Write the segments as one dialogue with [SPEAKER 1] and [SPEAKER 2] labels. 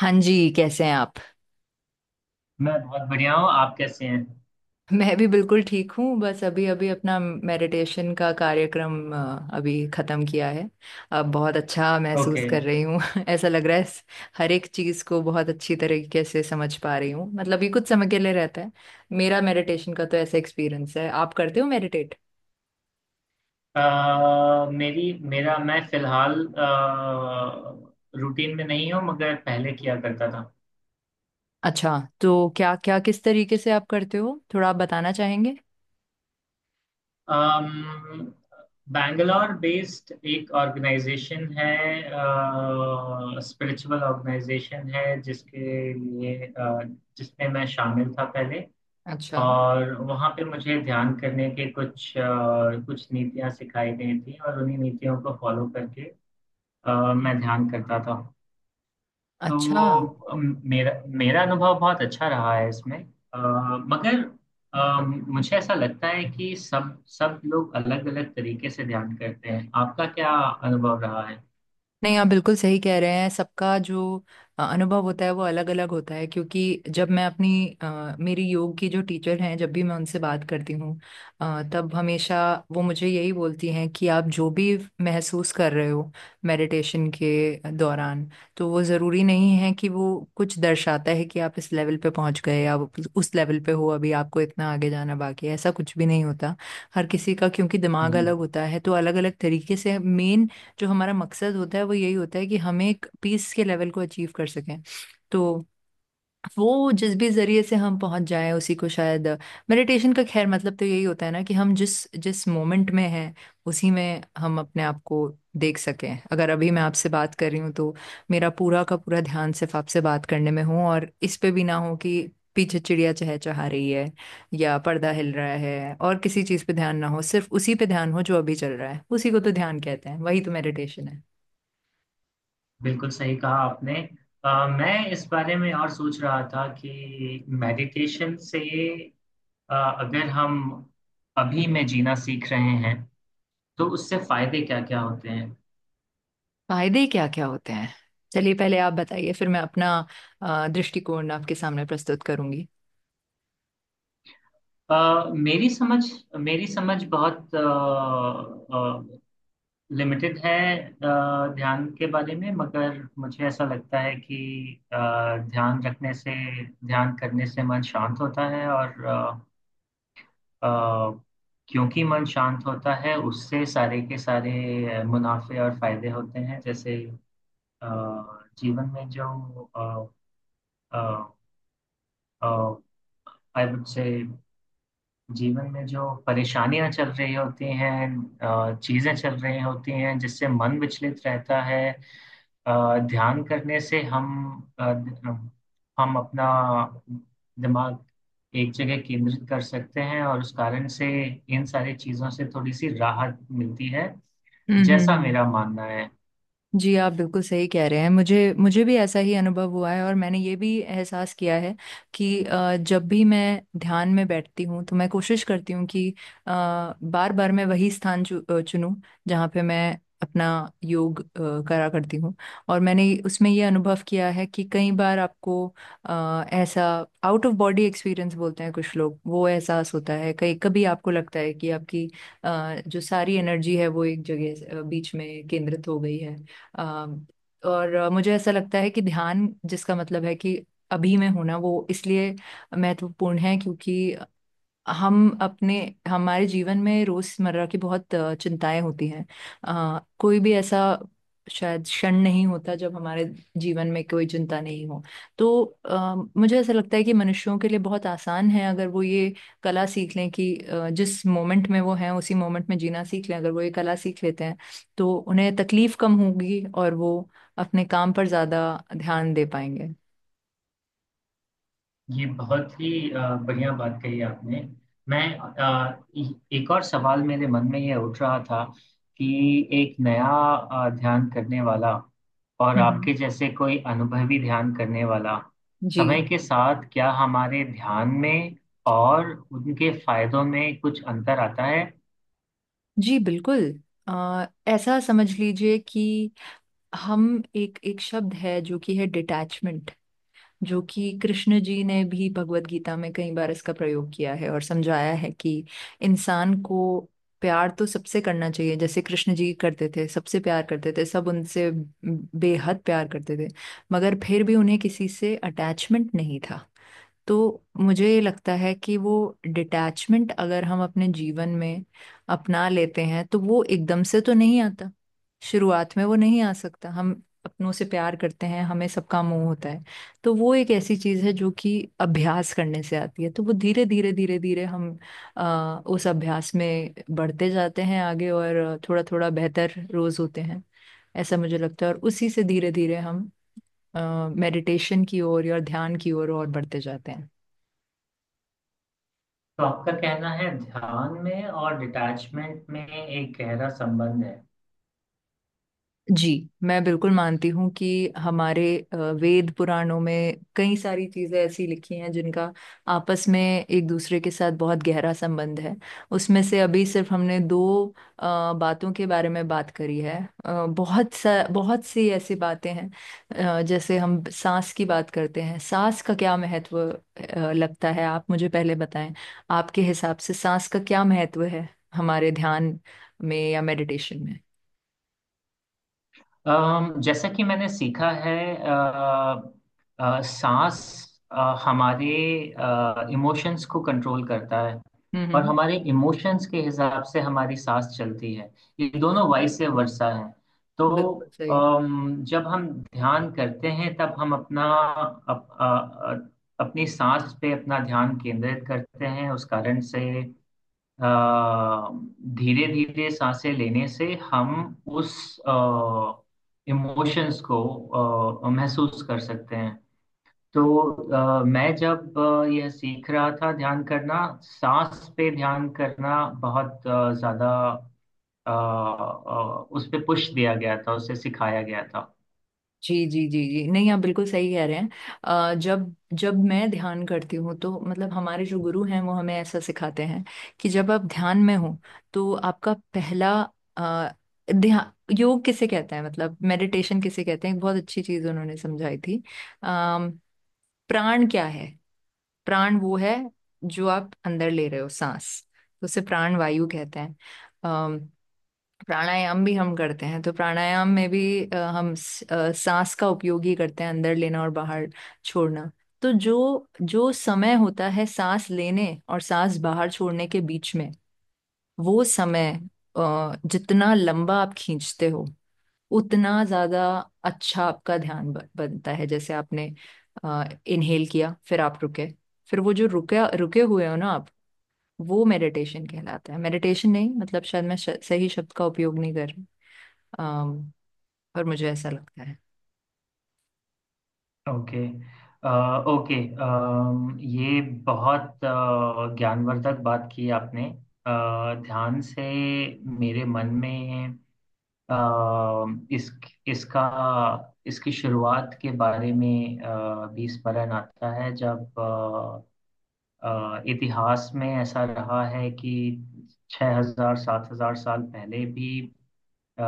[SPEAKER 1] हाँ जी, कैसे हैं आप?
[SPEAKER 2] मैं बहुत बढ़िया हूँ। आप कैसे हैं?
[SPEAKER 1] मैं भी बिल्कुल ठीक हूँ। बस अभी अभी अपना मेडिटेशन का कार्यक्रम अभी ख़त्म किया है। अब बहुत अच्छा महसूस
[SPEAKER 2] ओके।
[SPEAKER 1] कर रही हूँ। ऐसा लग रहा है हर एक चीज़ को बहुत अच्छी तरीके से समझ पा रही हूँ। मतलब ये कुछ समय के लिए रहता है। मेरा मेडिटेशन का तो ऐसा एक्सपीरियंस है। आप करते हो मेडिटेट?
[SPEAKER 2] मेरी मेरा मैं फिलहाल रूटीन में नहीं हूँ मगर पहले किया करता था।
[SPEAKER 1] अच्छा, तो क्या क्या, किस तरीके से आप करते हो? थोड़ा आप बताना चाहेंगे।
[SPEAKER 2] अम बैंगलोर बेस्ड एक ऑर्गेनाइजेशन है, स्पिरिचुअल ऑर्गेनाइजेशन है, जिसमें मैं शामिल था पहले।
[SPEAKER 1] अच्छा।
[SPEAKER 2] और वहाँ पे मुझे ध्यान करने के कुछ नीतियाँ सिखाई गई थी, और उन्हीं नीतियों को फॉलो करके
[SPEAKER 1] हम्म।
[SPEAKER 2] मैं ध्यान करता था। तो
[SPEAKER 1] अच्छा।
[SPEAKER 2] वो मेरा मेरा अनुभव बहुत अच्छा रहा है इसमें, अ, मगर मुझे ऐसा लगता है कि सब सब लोग अलग अलग तरीके से ध्यान करते हैं। आपका क्या अनुभव रहा है?
[SPEAKER 1] नहीं, आप बिल्कुल सही कह रहे हैं। सबका जो अनुभव होता है वो अलग अलग होता है। क्योंकि जब मैं अपनी मेरी योग की जो टीचर हैं, जब भी मैं उनसे बात करती हूँ तब हमेशा वो मुझे यही बोलती हैं कि आप जो भी महसूस कर रहे हो मेडिटेशन के दौरान, तो वो ज़रूरी नहीं है कि वो कुछ दर्शाता है कि आप इस लेवल पे पहुंच गए, आप उस लेवल पे हो, अभी आपको इतना आगे जाना बाकी है, ऐसा कुछ भी नहीं होता। हर किसी का क्योंकि दिमाग
[SPEAKER 2] हम्म,
[SPEAKER 1] अलग होता है तो अलग अलग तरीके से मेन। जो हमारा मकसद होता है वो यही होता है कि हम एक पीस के लेवल को अचीव कर सकें। तो वो जिस भी जरिए से हम पहुंच जाएं उसी को शायद मेडिटेशन का खैर मतलब तो यही होता है ना, कि हम जिस जिस मोमेंट में हैं उसी में हम अपने आप को देख सकें। अगर अभी मैं आपसे बात कर रही हूँ तो मेरा पूरा का पूरा ध्यान सिर्फ आपसे बात करने में हो, और इस पे भी ना हो कि पीछे चिड़िया चहचहा रही है या पर्दा हिल रहा है, और किसी चीज पे ध्यान ना हो, सिर्फ उसी पे ध्यान हो जो अभी चल रहा है। उसी को तो ध्यान कहते हैं, वही तो मेडिटेशन है।
[SPEAKER 2] बिल्कुल सही कहा आपने। मैं इस बारे में और सोच रहा था कि अ, अगर हम अभी में जीना सीख रहे हैं तो उससे फायदे क्या क्या होते हैं?
[SPEAKER 1] फायदे क्या क्या होते हैं? चलिए पहले आप बताइए, फिर मैं अपना दृष्टिकोण आपके सामने प्रस्तुत करूंगी।
[SPEAKER 2] अ, मेरी समझ मेरी समझ बहुत अ, लिमिटेड है ध्यान के बारे में, मगर मुझे ऐसा लगता है कि अ, ध्यान रखने से ध्यान करने से मन शांत होता है, और अ, क्योंकि मन शांत होता है उससे सारे के सारे मुनाफे और फायदे होते हैं। जैसे अ, जीवन में जो आई वुड से जीवन में जो परेशानियां चल रही होती हैं, चीजें चल रही होती हैं जिससे मन विचलित रहता है, ध्यान करने से अ, ध- हम अपना दिमाग एक जगह केंद्रित कर सकते हैं, और उस कारण से इन सारी चीजों से थोड़ी सी राहत मिलती है।
[SPEAKER 1] हम्म,
[SPEAKER 2] जैसा
[SPEAKER 1] हम्म।
[SPEAKER 2] मेरा मानना है।
[SPEAKER 1] जी, आप बिल्कुल सही कह रहे हैं। मुझे मुझे भी ऐसा ही अनुभव हुआ है, और मैंने ये भी एहसास किया है कि जब भी मैं ध्यान में बैठती हूँ तो मैं कोशिश करती हूँ कि बार बार मैं वही स्थान चुनूं जहाँ पे मैं अपना योग करा करती हूँ। और मैंने उसमें ये अनुभव किया है कि कई बार आपको ऐसा आउट ऑफ बॉडी एक्सपीरियंस बोलते हैं कुछ लोग, वो एहसास होता है। कई कभी आपको लगता है कि आपकी जो सारी एनर्जी है वो एक जगह बीच में केंद्रित हो गई है। अम, और मुझे ऐसा लगता है कि ध्यान, जिसका मतलब है कि अभी में होना, वो इसलिए महत्वपूर्ण है क्योंकि हम अपने हमारे जीवन में रोजमर्रा की बहुत चिंताएं होती हैं। कोई भी ऐसा शायद क्षण नहीं होता जब हमारे जीवन में कोई चिंता नहीं हो। तो मुझे ऐसा लगता है कि मनुष्यों के लिए बहुत आसान है, अगर वो ये कला सीख लें कि जिस मोमेंट में वो हैं उसी मोमेंट में जीना सीख लें। अगर वो ये कला सीख लेते हैं तो उन्हें तकलीफ कम होगी और वो अपने काम पर ज्यादा ध्यान दे पाएंगे।
[SPEAKER 2] ये बहुत ही बढ़िया बात कही आपने। मैं अ, ए- एक और सवाल मेरे मन में ये उठ रहा था कि एक नया ध्यान करने वाला, और
[SPEAKER 1] हम्म।
[SPEAKER 2] आपके जैसे कोई अनुभवी ध्यान करने वाला,
[SPEAKER 1] जी।
[SPEAKER 2] समय के साथ क्या हमारे ध्यान में और उनके फायदों में कुछ अंतर आता है?
[SPEAKER 1] जी बिल्कुल। ऐसा समझ लीजिए कि हम एक एक शब्द है जो कि है डिटैचमेंट। जो कि कृष्ण जी ने भी भगवत गीता में कई बार इसका प्रयोग किया है, और समझाया है कि इंसान को प्यार तो सबसे करना चाहिए, जैसे कृष्ण जी करते थे, सबसे प्यार करते थे, सब उनसे बेहद प्यार करते थे, मगर फिर भी उन्हें किसी से अटैचमेंट नहीं था। तो मुझे ये लगता है कि वो डिटैचमेंट अगर हम अपने जीवन में अपना लेते हैं तो वो एकदम से तो नहीं आता, शुरुआत में वो नहीं आ सकता। हम अपनों से प्यार करते हैं, हमें सबका मोह होता है। तो वो एक ऐसी चीज़ है जो कि अभ्यास करने से आती है। तो वो धीरे धीरे धीरे धीरे हम उस अभ्यास में बढ़ते जाते हैं आगे, और थोड़ा थोड़ा बेहतर रोज होते हैं, ऐसा मुझे लगता है। और उसी से धीरे धीरे हम मेडिटेशन की ओर या ध्यान की ओर और बढ़ते जाते हैं।
[SPEAKER 2] तो आपका कहना है ध्यान में और डिटैचमेंट में एक गहरा संबंध है।
[SPEAKER 1] जी, मैं बिल्कुल मानती हूँ कि हमारे वेद पुराणों में कई सारी चीज़ें ऐसी लिखी हैं जिनका आपस में एक दूसरे के साथ बहुत गहरा संबंध है। उसमें से अभी सिर्फ हमने दो अ, बातों के बारे में बात करी है। बहुत सा बहुत सी ऐसी बातें हैं। जैसे हम सांस की बात करते हैं। सांस का क्या महत्व लगता है, आप मुझे पहले बताएं। आपके हिसाब से सांस का क्या महत्व है हमारे ध्यान में या मेडिटेशन में?
[SPEAKER 2] अम, जैसा कि मैंने सीखा है, सांस अ, हमारे इमोशंस को कंट्रोल करता है, और
[SPEAKER 1] हम्म।
[SPEAKER 2] हमारे इमोशंस के हिसाब से हमारी सांस चलती है। ये दोनों वाइस वर्सा है। तो
[SPEAKER 1] बिल्कुल सही।
[SPEAKER 2] अम, जब हम ध्यान करते हैं तब हम अपना अप, अ, अ, अपनी सांस पे अपना ध्यान केंद्रित करते हैं। उस कारण से धीरे धीरे सांसें लेने से हम उस इमोशंस को महसूस कर सकते हैं। तो, मैं जब यह सीख रहा था, ध्यान करना, सांस पे ध्यान करना बहुत ज्यादा उस पे पुश दिया गया था, उसे सिखाया गया था।
[SPEAKER 1] जी जी जी जी। नहीं, आप बिल्कुल सही कह रहे हैं। जब जब मैं ध्यान करती हूँ, तो मतलब हमारे जो गुरु हैं वो हमें ऐसा सिखाते हैं कि जब आप ध्यान में हो तो आपका पहला अ, ध्यान, योग किसे कहते हैं मतलब मेडिटेशन किसे कहते हैं, एक बहुत अच्छी चीज उन्होंने समझाई थी। अम, प्राण क्या है? प्राण वो है जो आप अंदर ले रहे हो, सांस, तो उसे प्राण वायु कहते हैं। प्राणायाम भी हम करते हैं। तो प्राणायाम में भी हम सांस का उपयोग ही करते हैं, अंदर लेना और बाहर छोड़ना। तो जो जो समय होता है सांस लेने और सांस बाहर छोड़ने के बीच में, वो समय जितना लंबा आप खींचते हो उतना ज्यादा अच्छा आपका ध्यान बनता है। जैसे आपने इनहेल किया, फिर आप रुके, फिर वो जो रुके रुके हुए हो ना आप, वो मेडिटेशन कहलाता है। मेडिटेशन नहीं मतलब शायद मैं सही शब्द का उपयोग नहीं कर अम, पर मुझे ऐसा लगता है।
[SPEAKER 2] ओके। ओके। अम, ये बहुत ज्ञानवर्धक बात की आपने। ध्यान से मेरे मन में अ, इस इसका इसकी शुरुआत के बारे में भी स्मरण आता है। जब इतिहास में ऐसा रहा है कि छः हजार सात हजार साल पहले भी अ,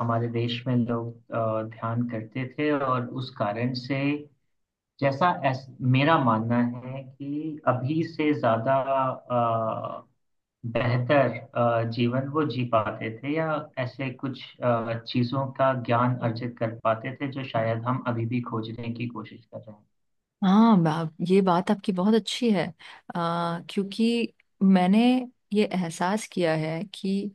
[SPEAKER 2] हमारे देश में लोग ध्यान करते थे, और उस कारण से, मेरा मानना है कि अभी से ज्यादा अ, बेहतर जीवन वो जी पाते थे, या ऐसे कुछ चीजों का ज्ञान अर्जित कर पाते थे जो शायद हम अभी भी खोजने की कोशिश कर रहे
[SPEAKER 1] हाँ, ये बात आपकी बहुत अच्छी है। क्योंकि मैंने ये एहसास किया है कि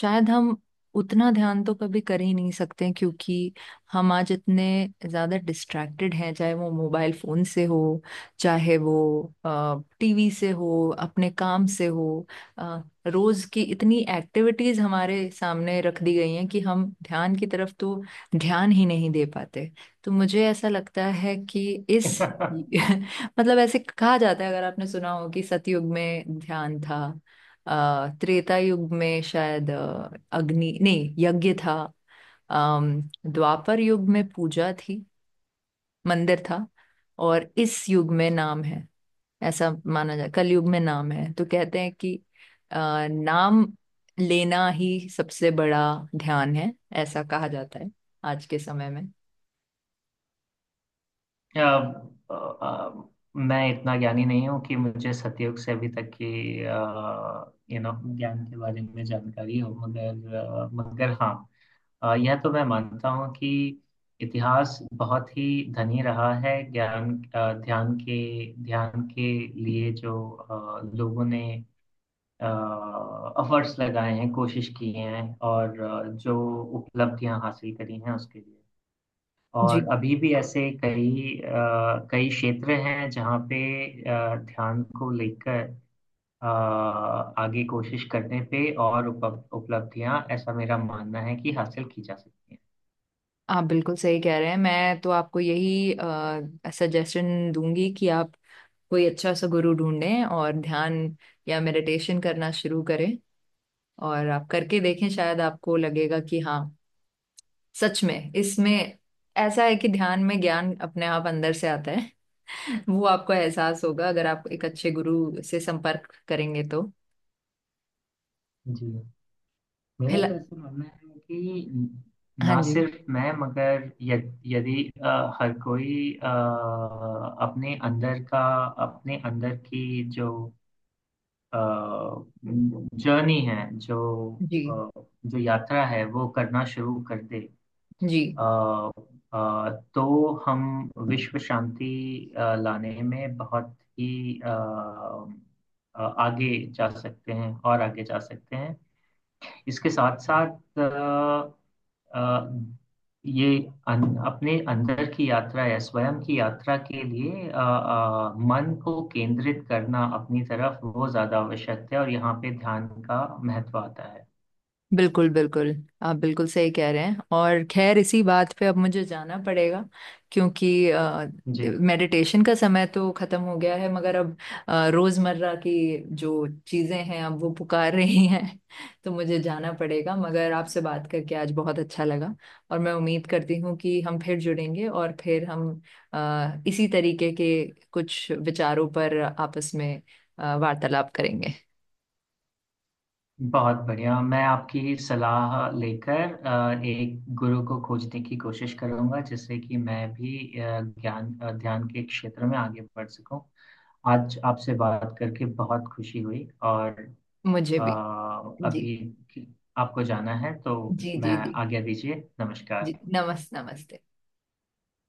[SPEAKER 1] शायद हम उतना ध्यान तो कभी कर ही नहीं सकते। क्योंकि हम आज इतने ज़्यादा डिस्ट्रैक्टेड हैं, चाहे वो मोबाइल फ़ोन से हो, चाहे वो टीवी से हो, अपने काम से हो। आ, रोज़ की इतनी एक्टिविटीज़ हमारे सामने रख दी गई हैं कि हम ध्यान की तरफ तो ध्यान ही नहीं दे पाते। तो मुझे ऐसा लगता है कि इस
[SPEAKER 2] हैं।
[SPEAKER 1] मतलब ऐसे कहा जाता है, अगर आपने सुना हो, कि सतयुग में ध्यान था, त्रेता युग में शायद अग्नि नहीं यज्ञ था, अम, द्वापर युग में पूजा थी, मंदिर था, और इस युग में नाम है, ऐसा माना जाए कलयुग में नाम है। तो कहते हैं कि अ, नाम लेना ही सबसे बड़ा ध्यान है, ऐसा कहा जाता है आज के समय में।
[SPEAKER 2] अ, अ, मैं इतना ज्ञानी नहीं हूँ कि मुझे सतयुग से अभी तक की ज्ञान के बारे में जानकारी हो, मगर हाँ, यह तो मैं मानता हूँ कि इतिहास बहुत ही धनी रहा है। ज्ञान अ, ध्यान के लिए जो लोगों ने एफर्ट्स लगाए हैं, कोशिश की हैं, और जो उपलब्धियां हासिल करी हैं उसके लिए। और
[SPEAKER 1] जी,
[SPEAKER 2] अभी भी ऐसे कई क्षेत्र हैं जहाँ पे ध्यान को लेकर आगे कोशिश करने पे और उपलब्धियां ऐसा मेरा मानना है कि हासिल की जा सकती हैं।
[SPEAKER 1] आप बिल्कुल सही कह रहे हैं। मैं तो आपको यही सजेशन दूंगी कि आप कोई अच्छा सा गुरु ढूंढें और ध्यान या मेडिटेशन करना शुरू करें, और आप करके देखें। शायद आपको लगेगा कि हाँ, सच में इसमें ऐसा है कि ध्यान में ज्ञान अपने आप अंदर से आता है। वो आपको एहसास होगा अगर आप एक अच्छे गुरु से संपर्क करेंगे तो।
[SPEAKER 2] जी। मेरा तो
[SPEAKER 1] फिलहाल।
[SPEAKER 2] ऐसा मानना है कि
[SPEAKER 1] हाँ
[SPEAKER 2] ना
[SPEAKER 1] जी।
[SPEAKER 2] सिर्फ मैं, यदि हर कोई अपने अंदर का, अपने अंदर की जो जर्नी है जो
[SPEAKER 1] जी
[SPEAKER 2] अ, जो यात्रा है वो करना शुरू कर दे,
[SPEAKER 1] जी।
[SPEAKER 2] अ, तो हम विश्व शांति लाने में बहुत ही आगे जा सकते हैं और आगे जा सकते हैं। इसके साथ साथ आ, आ, ये अपने अंदर की यात्रा या स्वयं की यात्रा के लिए मन को केंद्रित करना अपनी तरफ वो ज्यादा आवश्यक है, और यहाँ पे ध्यान का महत्व आता है।
[SPEAKER 1] बिल्कुल बिल्कुल। आप बिल्कुल सही कह रहे हैं, और खैर इसी बात पे अब मुझे जाना पड़ेगा, क्योंकि
[SPEAKER 2] जी।
[SPEAKER 1] मेडिटेशन का समय तो खत्म हो गया है। मगर अब रोजमर्रा की जो चीजें हैं, अब वो पुकार रही हैं। तो मुझे जाना पड़ेगा। मगर आपसे बात करके आज बहुत अच्छा लगा, और मैं उम्मीद करती हूँ कि हम फिर जुड़ेंगे और फिर हम इसी तरीके के कुछ विचारों पर आपस में वार्तालाप करेंगे।
[SPEAKER 2] बहुत बढ़िया। मैं आपकी सलाह लेकर एक गुरु को खोजने की कोशिश करूंगा, जिससे कि मैं भी ध्यान के क्षेत्र में आगे बढ़ सकूं। आज आपसे बात करके बहुत खुशी हुई। और
[SPEAKER 1] मुझे
[SPEAKER 2] अ,
[SPEAKER 1] भी। जी।
[SPEAKER 2] अभी आपको जाना है तो
[SPEAKER 1] जी
[SPEAKER 2] मैं
[SPEAKER 1] जी जी।
[SPEAKER 2] आज्ञा दीजिए।
[SPEAKER 1] जी,
[SPEAKER 2] नमस्कार।
[SPEAKER 1] नमस्ते।